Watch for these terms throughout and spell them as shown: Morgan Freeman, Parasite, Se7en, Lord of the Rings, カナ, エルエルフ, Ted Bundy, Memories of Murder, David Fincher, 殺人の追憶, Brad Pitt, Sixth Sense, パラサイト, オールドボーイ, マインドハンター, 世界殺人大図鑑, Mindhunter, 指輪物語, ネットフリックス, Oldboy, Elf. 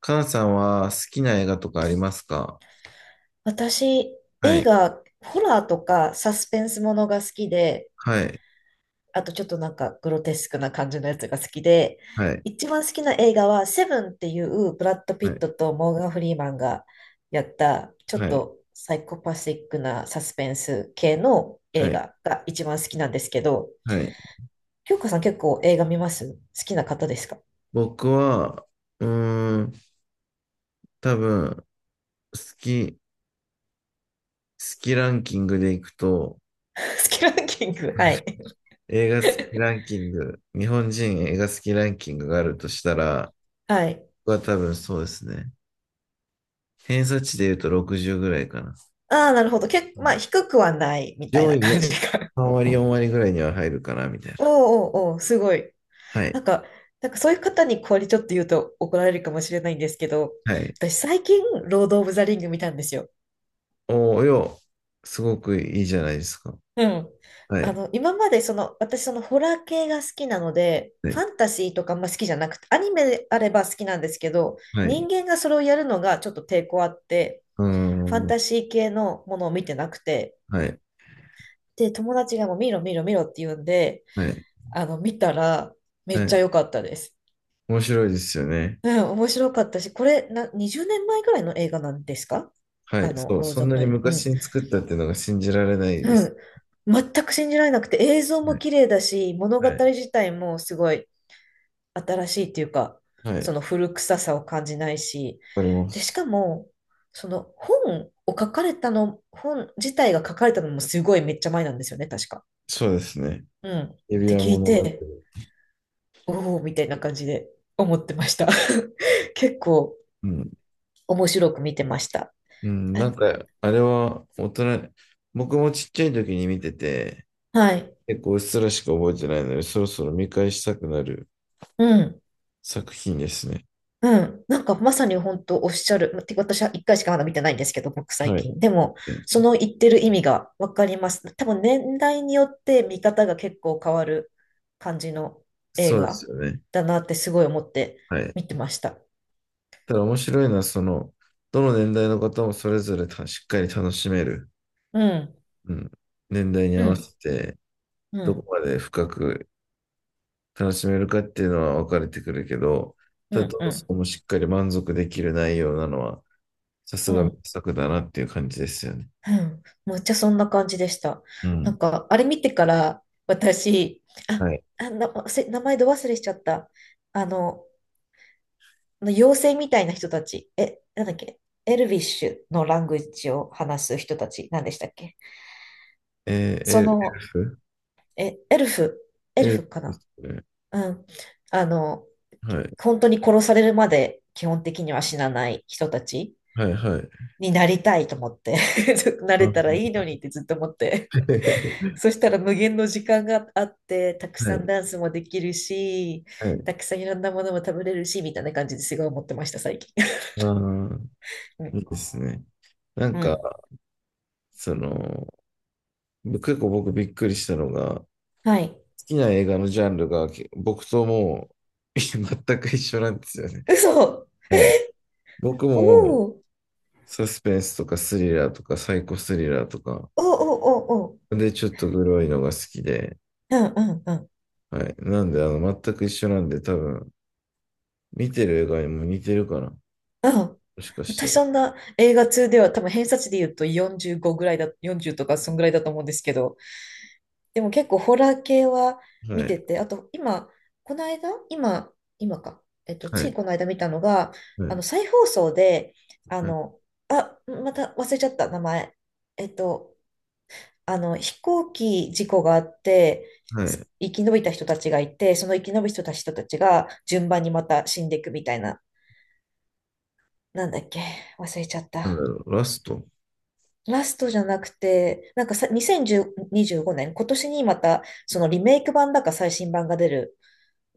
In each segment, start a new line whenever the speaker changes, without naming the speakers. カナさんは好きな映画とかありますか？
私、
は
映
い、
画、ホラーとかサスペンスものが好きで、
はい、
あとちょっとグロテスクな感じのやつが好きで、
はい、
一番好きな映画はセブンっていうブラッド・ピ
は
ッ
い、
トとモーガン・フリーマンがやったちょ
は
っ
い、
とサイコパシックなサスペンス系の映
はい、
画が一番好きなんですけど、
はい。
京子さん結構映画見ます？好きな方ですか？ 好
僕は、うーん、多分、好きランキングでいくと、
きランキング、はい。
映画好きランキング、日本人映画好きランキングがあるとしたら、
はい。
僕は多分そうですね。偏差値で言うと60ぐらいかな。
ああ、なるほど。結
う
構、まあ、
ん、
低くはないみたい
上
な
位に
感じか。
3割、4割ぐらいには入るかな、みたいな。
おうおうおう、すごい。
はい、
なんか、なんかそういう方にこれちょっと言うと怒られるかもしれないんですけど、
はい。
私最近、ロード・オブ・ザ・リング見たんですよ。
おーよ、すごくいいじゃないですか。
うん。
はい。
今までその、私そのホラー系が好きなので、
は
フ
い。
ァンタジーとかあんま好きじゃなくて、アニメであれば好きなんですけど、
は
人
い。
間がそれをやるのがちょっと抵抗あって、
うー
ファン
ん。
タジー系のものを見てなくて、
はい。
で、友達がもう見ろ見ろ見ろって言うんで、
はい。
見たらめ
は
っちゃ
い。
良かったです。
面白いですよね。
うん、面白かったし、これな、20年前ぐらいの映画なんですか？
は
あ
い。
の、
そう。
ロー
そ
ズ・オ
ん
ブ・
な
ラ
に
イブ。う
昔
ん。
に作ったっていうのが信じられないで
う
す。
ん。全く信じられなくて、映像
は
も
い。
綺麗だし、物語
はい。
自体もすごい新しいっていうか、
はい。
その
わ
古臭さを感じないし、
かりま
で、し
す。
かも、本自体が書かれたのもすごいめっちゃ前なんですよね、確か。
そうですね。
うん。っ
指
て
輪
聞い
物語。
て、おお、みたいな感じで思ってました。結構
うん。
面白く見てました。
うん。
あ、
なんか、あれは大人、僕もちっちゃい時に見てて、
はい。
結構うっすらしか覚えてないので、そろそろ見返したくなる
うん。
作品ですね。
うん。なんかまさに本当おっしゃる。てか私は一回しかまだ見てないんですけど、僕最
はい。
近。でも、
で、
その言ってる意味がわかります。多分年代によって見方が結構変わる感じの映
そうです
画
よね。
だなってすごい思って
はい。
見てました。
ただ面白いのは、どの年代の方もそれぞれたしっかり楽しめる、
うん。
うん、年代に
う
合わ
ん。
せて、
う
どこ
ん。
まで深く楽しめるかっていうのは分かれてくるけど、
う
ただ、
ん。
ど
う
うし
ん。
てもしっかり満足できる内容なのは、さす
う
が名
ん。
作だなっていう感じですよね。
うん、むっちゃそんな感じでした。
う
な
ん。
んか、あれ見てから私、あ、
はい。
あ、な、せ名前ど忘れしちゃった。あの、あの妖精みたいな人たち、え、なんだっけ、エルビッシュのラングエッジを話す人たち、なんでしたっけ。
えー、
そ
エルエル
の、
フ
え、エル
エル
フか
フで
な。
すね。
うん。あの、
はい。
本当に殺されるまで基本的には死なない人たち
はい、はい。
になりたいと思って、な
あ
れたら
の
いいの にってずっと思って。そしたら無限の時間があって、たく
は
さん
い、
ダンスもできるし、
は
た
い。
くさんいろんなものも食べれるし、みたいな感じですごい思ってました、最近。
ああ、
う
いい
ん。
ですね。なん
う
か、
ん。
その、結構僕びっくりしたのが、好
はい。
きな映画のジャンルがけ僕ともう 全く一緒なんですよね。
嘘、
はい。僕
お
も
ーおー
サスペンスとかスリラーとかサイコスリラーとか、
おー、おーおー、
で、ちょっとグロいのが好きで、
うんうんうん、
はい。なんで、全く一緒なんで、多分、見てる映画にも似てるかな。
うん。
もしかした
私
ら。
そんな映画2では多分偏差値で言うと45ぐらいだ、40とかそんぐらいだと思うんですけど、でも結構ホラー系は
は
見て
い。
て、あと今、この間、今、今か、えっと、
は
つい
い。
この間見たのが、
は
あ
い。
の、再放送で、あ
はい。
の、あ、また忘れちゃった名前。えっと、あの、飛行機事故があって、
はい。
す生き延びた人たちがいて、その生き延びた人たちが順番にまた死んでいくみたいな、なんだっけ、忘れちゃっ
なんだ
た。
ろう、ラスト。
ラストじゃなくて、なんかさ、2025年、今年にまた、そのリメイク版だか最新版が出る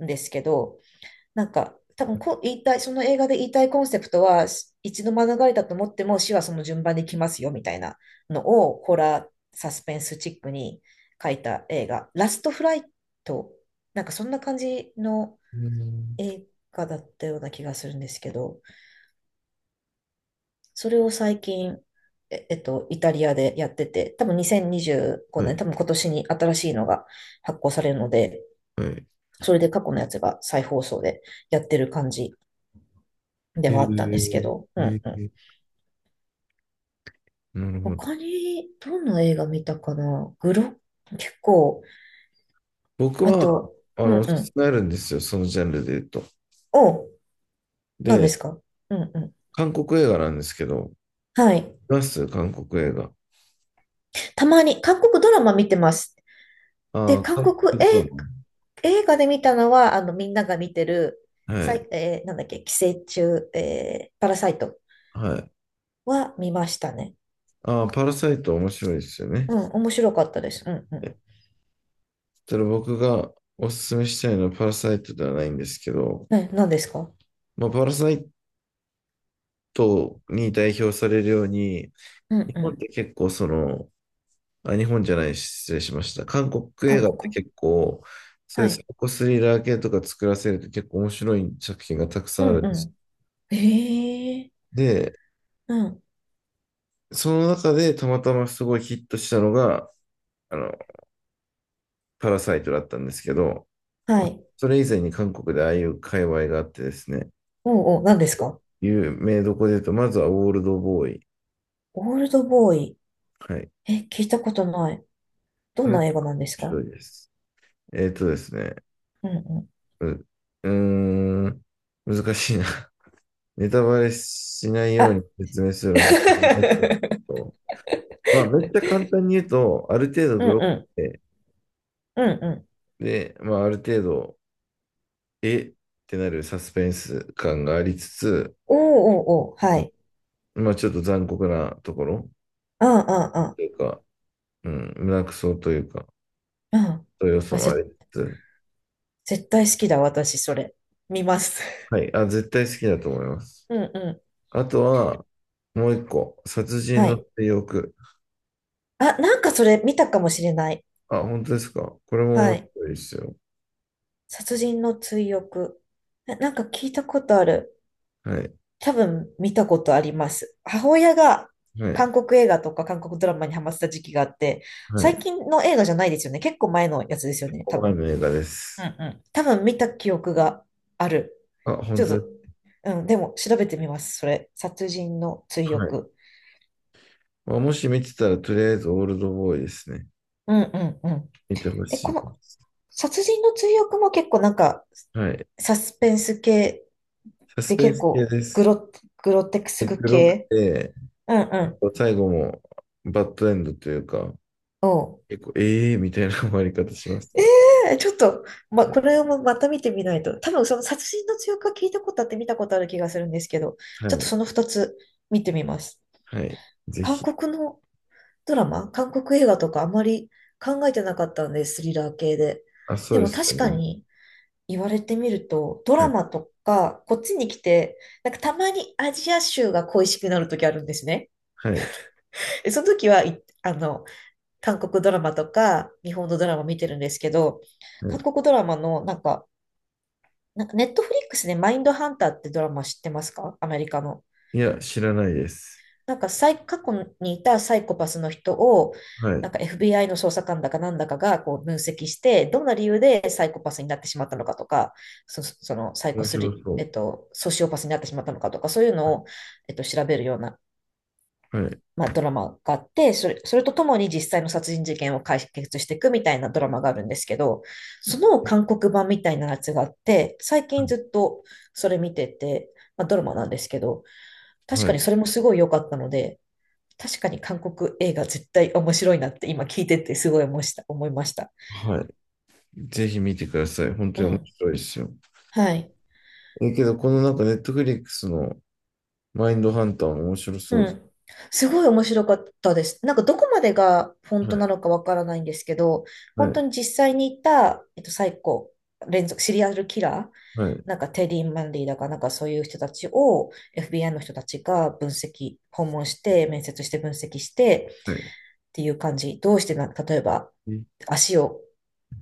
んですけど、なんか、多分こう言いたい、その映画で言いたいコンセプトは、し一度免れたと思っても死はその順番で来ますよみたいなのを、ホラー、サスペンスチックに書いた映画、ラストフライト、なんかそんな感じの
うん、
映画だったような気がするんですけど、それを最近、え、えっと、イタリアでやってて、多分2025
は
年、
い。
多分今年に新しいのが発行されるので、
はい。
それで過去のやつが再放送でやってる感じで
え
はあったんですけ
ー、
ど、うん
え
うん。
ー、なるほど。
他にどんな映画見たかな、グロ、結構、
僕
あ
は、
と、うん
お
う
すす
ん。
めあるんですよ、そのジャンルで言うと。
お、何で
で、
すか？うんうん。
韓国映画なんですけど、
はい。
見ます韓国映画。
たまに韓国ドラマ見てます。で、
ああ、
韓
韓
国
国ド
映、
ラ
映画で見たのは、あの、みんなが見てる、
マ。は
さ
い。
い、えーなんだっけ、寄生虫、えーパラサイト
はい。
は見ましたね。
ああ、パラサイト面白いですよね。
うん、面白かったです。うんうん。
えそれ僕がおすすめしたいのはパラサイトではないんですけど、
ね、何ですか？
まあ、パラサイトに代表されるように、
うん
日
う
本っ
ん。
て結構あ、日本じゃない、失礼しました。韓国映
韓
画って
国、
結構、そうい
は
うサイ
い。
コスリラー系とか作らせると結構面白い作品がたくさ
う
んある
ん
んです。
うん。ええ
で、
ー、うん。
その中でたまたますごいヒットしたのが、あの、パラサイトだったんですけど、
はい。
それ以前に韓国でああいう界隈があってですね、
おうおう、何ですか？
有名どこで言うと、まずはオールドボーイ。
オールドボーイ。
はい。
え、聞いたことない。ど
こ
ん
れ面
な映画なんです
白
か？
いです。ですね、
うんうん。
うーん、難しいな。ネタバレしないよう
あ、
に説明するのちょっと難しいけ ど、まあ、めっちゃ簡単に言うと、ある程度
う
グ
ん
ロ
う
く
ん。
て、
うんうん。
で、まあ、ある程度、えってなるサスペンス感がありつつ、
おおおーおー、は
うん、
い。
まあ、ちょっと残酷なところ
うんう
とい
ん
うか、うん、胸くそというか、
うん。うん。
そういう要素
あ、
も
ち、
ありつつ、
絶対好きだ、私、それ。見ます。
はい、あ、絶対好きだと思います。
うんうん。
あとは、もう一個、殺人
は
の
い。
追憶。
あ、なんかそれ見たかもしれない。
あ、本当ですか？これも
は
面
い。
白いですよ。
殺人の追憶。え、なんか聞いたことある。
はい、
多分見たことあります。母親が
はい、
韓国映画とか韓国ドラマにハマってた時期があって、
はい。
最近の映画じゃないですよね。結構前のやつですよね、多
5枚
分。
の映画で
うんう
す。
ん、多分見た記憶がある。
あ、本
ちょっ
当
と、
です。
うん、でも調べてみます。それ。殺人の追
はい。
憶。
まあ、もし見てたら、とりあえずオールドボーイですね。
うんうんうん。
見てほ
え、
しい
こ
で
の
す。
殺人の追憶も結構なんか、
はい。
サスペンス系
サス
で
ペン
結
ス系
構
で
グ
す。
ロ、グロテクス
で黒く
系。
て、
うんうん。
最後もバッドエンドというか、結構、ええー、みたいな終わり方します
え
ね。
え、ちょっと、ま、これもまた見てみないと。多分その殺人の強化聞いたことあって見たことある気がするんですけど、
は
ちょっと
い。
その2つ見てみます。
はい。ぜ
韓
ひ。
国のドラマ、韓国映画とかあまり考えてなかったんです、スリラー系で。
あ、そう
で
で
も
すよ
確か
ね。
に言われてみると、ド
は
ラ
い。
マとかこっちに来て、なんかたまにアジア州が恋しくなる時あるんですね。
はい。
でその時は、い、あの、韓国ドラマとか日本のドラマ見てるんですけど、
は
韓
い。
国ドラマのなんか、なんかネットフリックスでマインドハンターってドラマ知ってますか？アメリカの。
いや、知らないです。
なんかサイ、過去にいたサイコパスの人を、
は
な
い。
んか FBI の捜査官だかなんだかがこう分析して、どんな理由でサイコパスになってしまったのかとか、そ、そのサイコ
面
ス
白
リ、え
そ
っと、ソシオパスになってしまったのかとか、そういうのを、えっと、調べるような
う。はい。
まあ、ドラマがあって、それ、それとともに実際の殺人事件を解決していくみたいなドラマがあるんですけど、その韓国版みたいなやつがあって、最近ず
は
っとそれ見てて、まあ、ドラマなんですけど、
い。
確
は
かに
い。
それもすごい良かったので、確かに韓国映画絶対面白いなって今聞いててすごい思いました。
はい、ぜひ見てください。本
う
当に面
ん。
白いですよ。
はい。
けど、このなんか、ネットフリックスのマインドハンター面白そ
う
うです。
ん。すごい面白かったです。なんかどこまでが本
は
当な
い、
のかわからないんですけど、
は
本当
い、
に実際にいた、えっと、サイコ、連続、シリアルキラー、
はい、
なんかテディ・マンディだかなんかそういう人たちを FBI の人たちが分析、訪問して、面接して分析して
はい。
っていう感じ。どうしてな、例えば
え
足を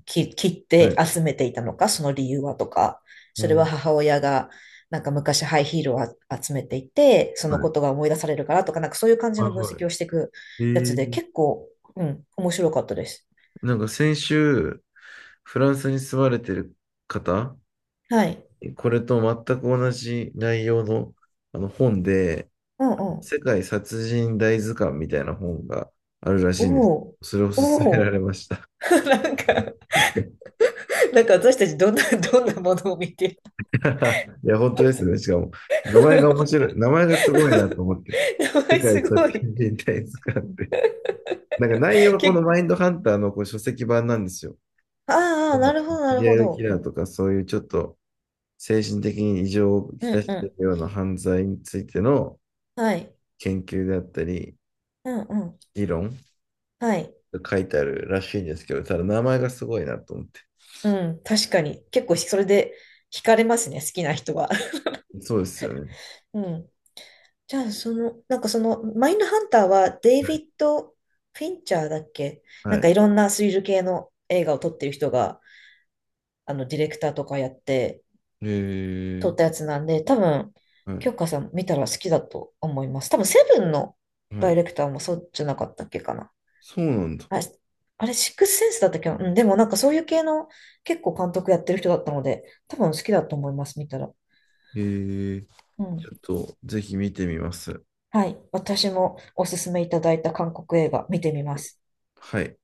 き切っ
はい、
て集めていたのか、その理由はとか、
う
それは
ん、
母親がなんか昔ハイヒールをあ集めていて、そ
は
の
い、
ことが思い出されるからとか、なんかそういう感じ
はい、
の分
は
析
い。
をしていくやつで、結構、うん、面白かったです。
なんか先週、フランスに住まれてる方、
はい。
これと全く同じ内容の、あの本で、
うんうん。
世界殺人大図鑑みたいな本があるら
お
しいんです。
お。
それを勧
お
めら
お、
れました。
なんか、なんか私たちどんな、どんなものを見て。
いや、本当ですね。しかも、名前が面 白い。名前がすごいなと思って。
やば
世
い、
界
す
殺
ごい。
人大図鑑ってなんか内容は
結
この
構、
マインドハンターのこう書籍版なんですよ。
ああ、
うん、
なるほど、な
シ
る
リ
ほ
アルキ
ど。
ラーとかそういうちょっと精神的に異常を
う
きた
んう
しているよう
ん。
な犯罪についての
はい。
研究であったり、
うんうん。
議論
はい。
が書いてあるらしいんですけど、ただ名前がすごいなと思って。
うん、確かに。結構それで惹かれますね、好きな人は。
そうですよね。
うん。じゃあ、その、なんかその、マインドハンターはデイビッド・フィンチャーだっけ、
は
なんかい
い。
ろんなスリル系の映画を撮ってる人が、あの、ディレクターとかやって
へえ、
撮ったやつなんで、多分、
はい、
京香さん見たら好きだと思います。多分、セブンの
は
ダイ
い。
レクターもそうじゃなかったっけかな。
そうなんだ。
あれ、あれシックスセンスだったっけな。うん、でもなんかそういう系の結構監督やってる人だったので、多分好きだと思います、見たら。
へえ、
う
ち
ん。
ょっとぜひ見てみます。
はい。私もおすすめいただいた韓国映画見てみます。
はい。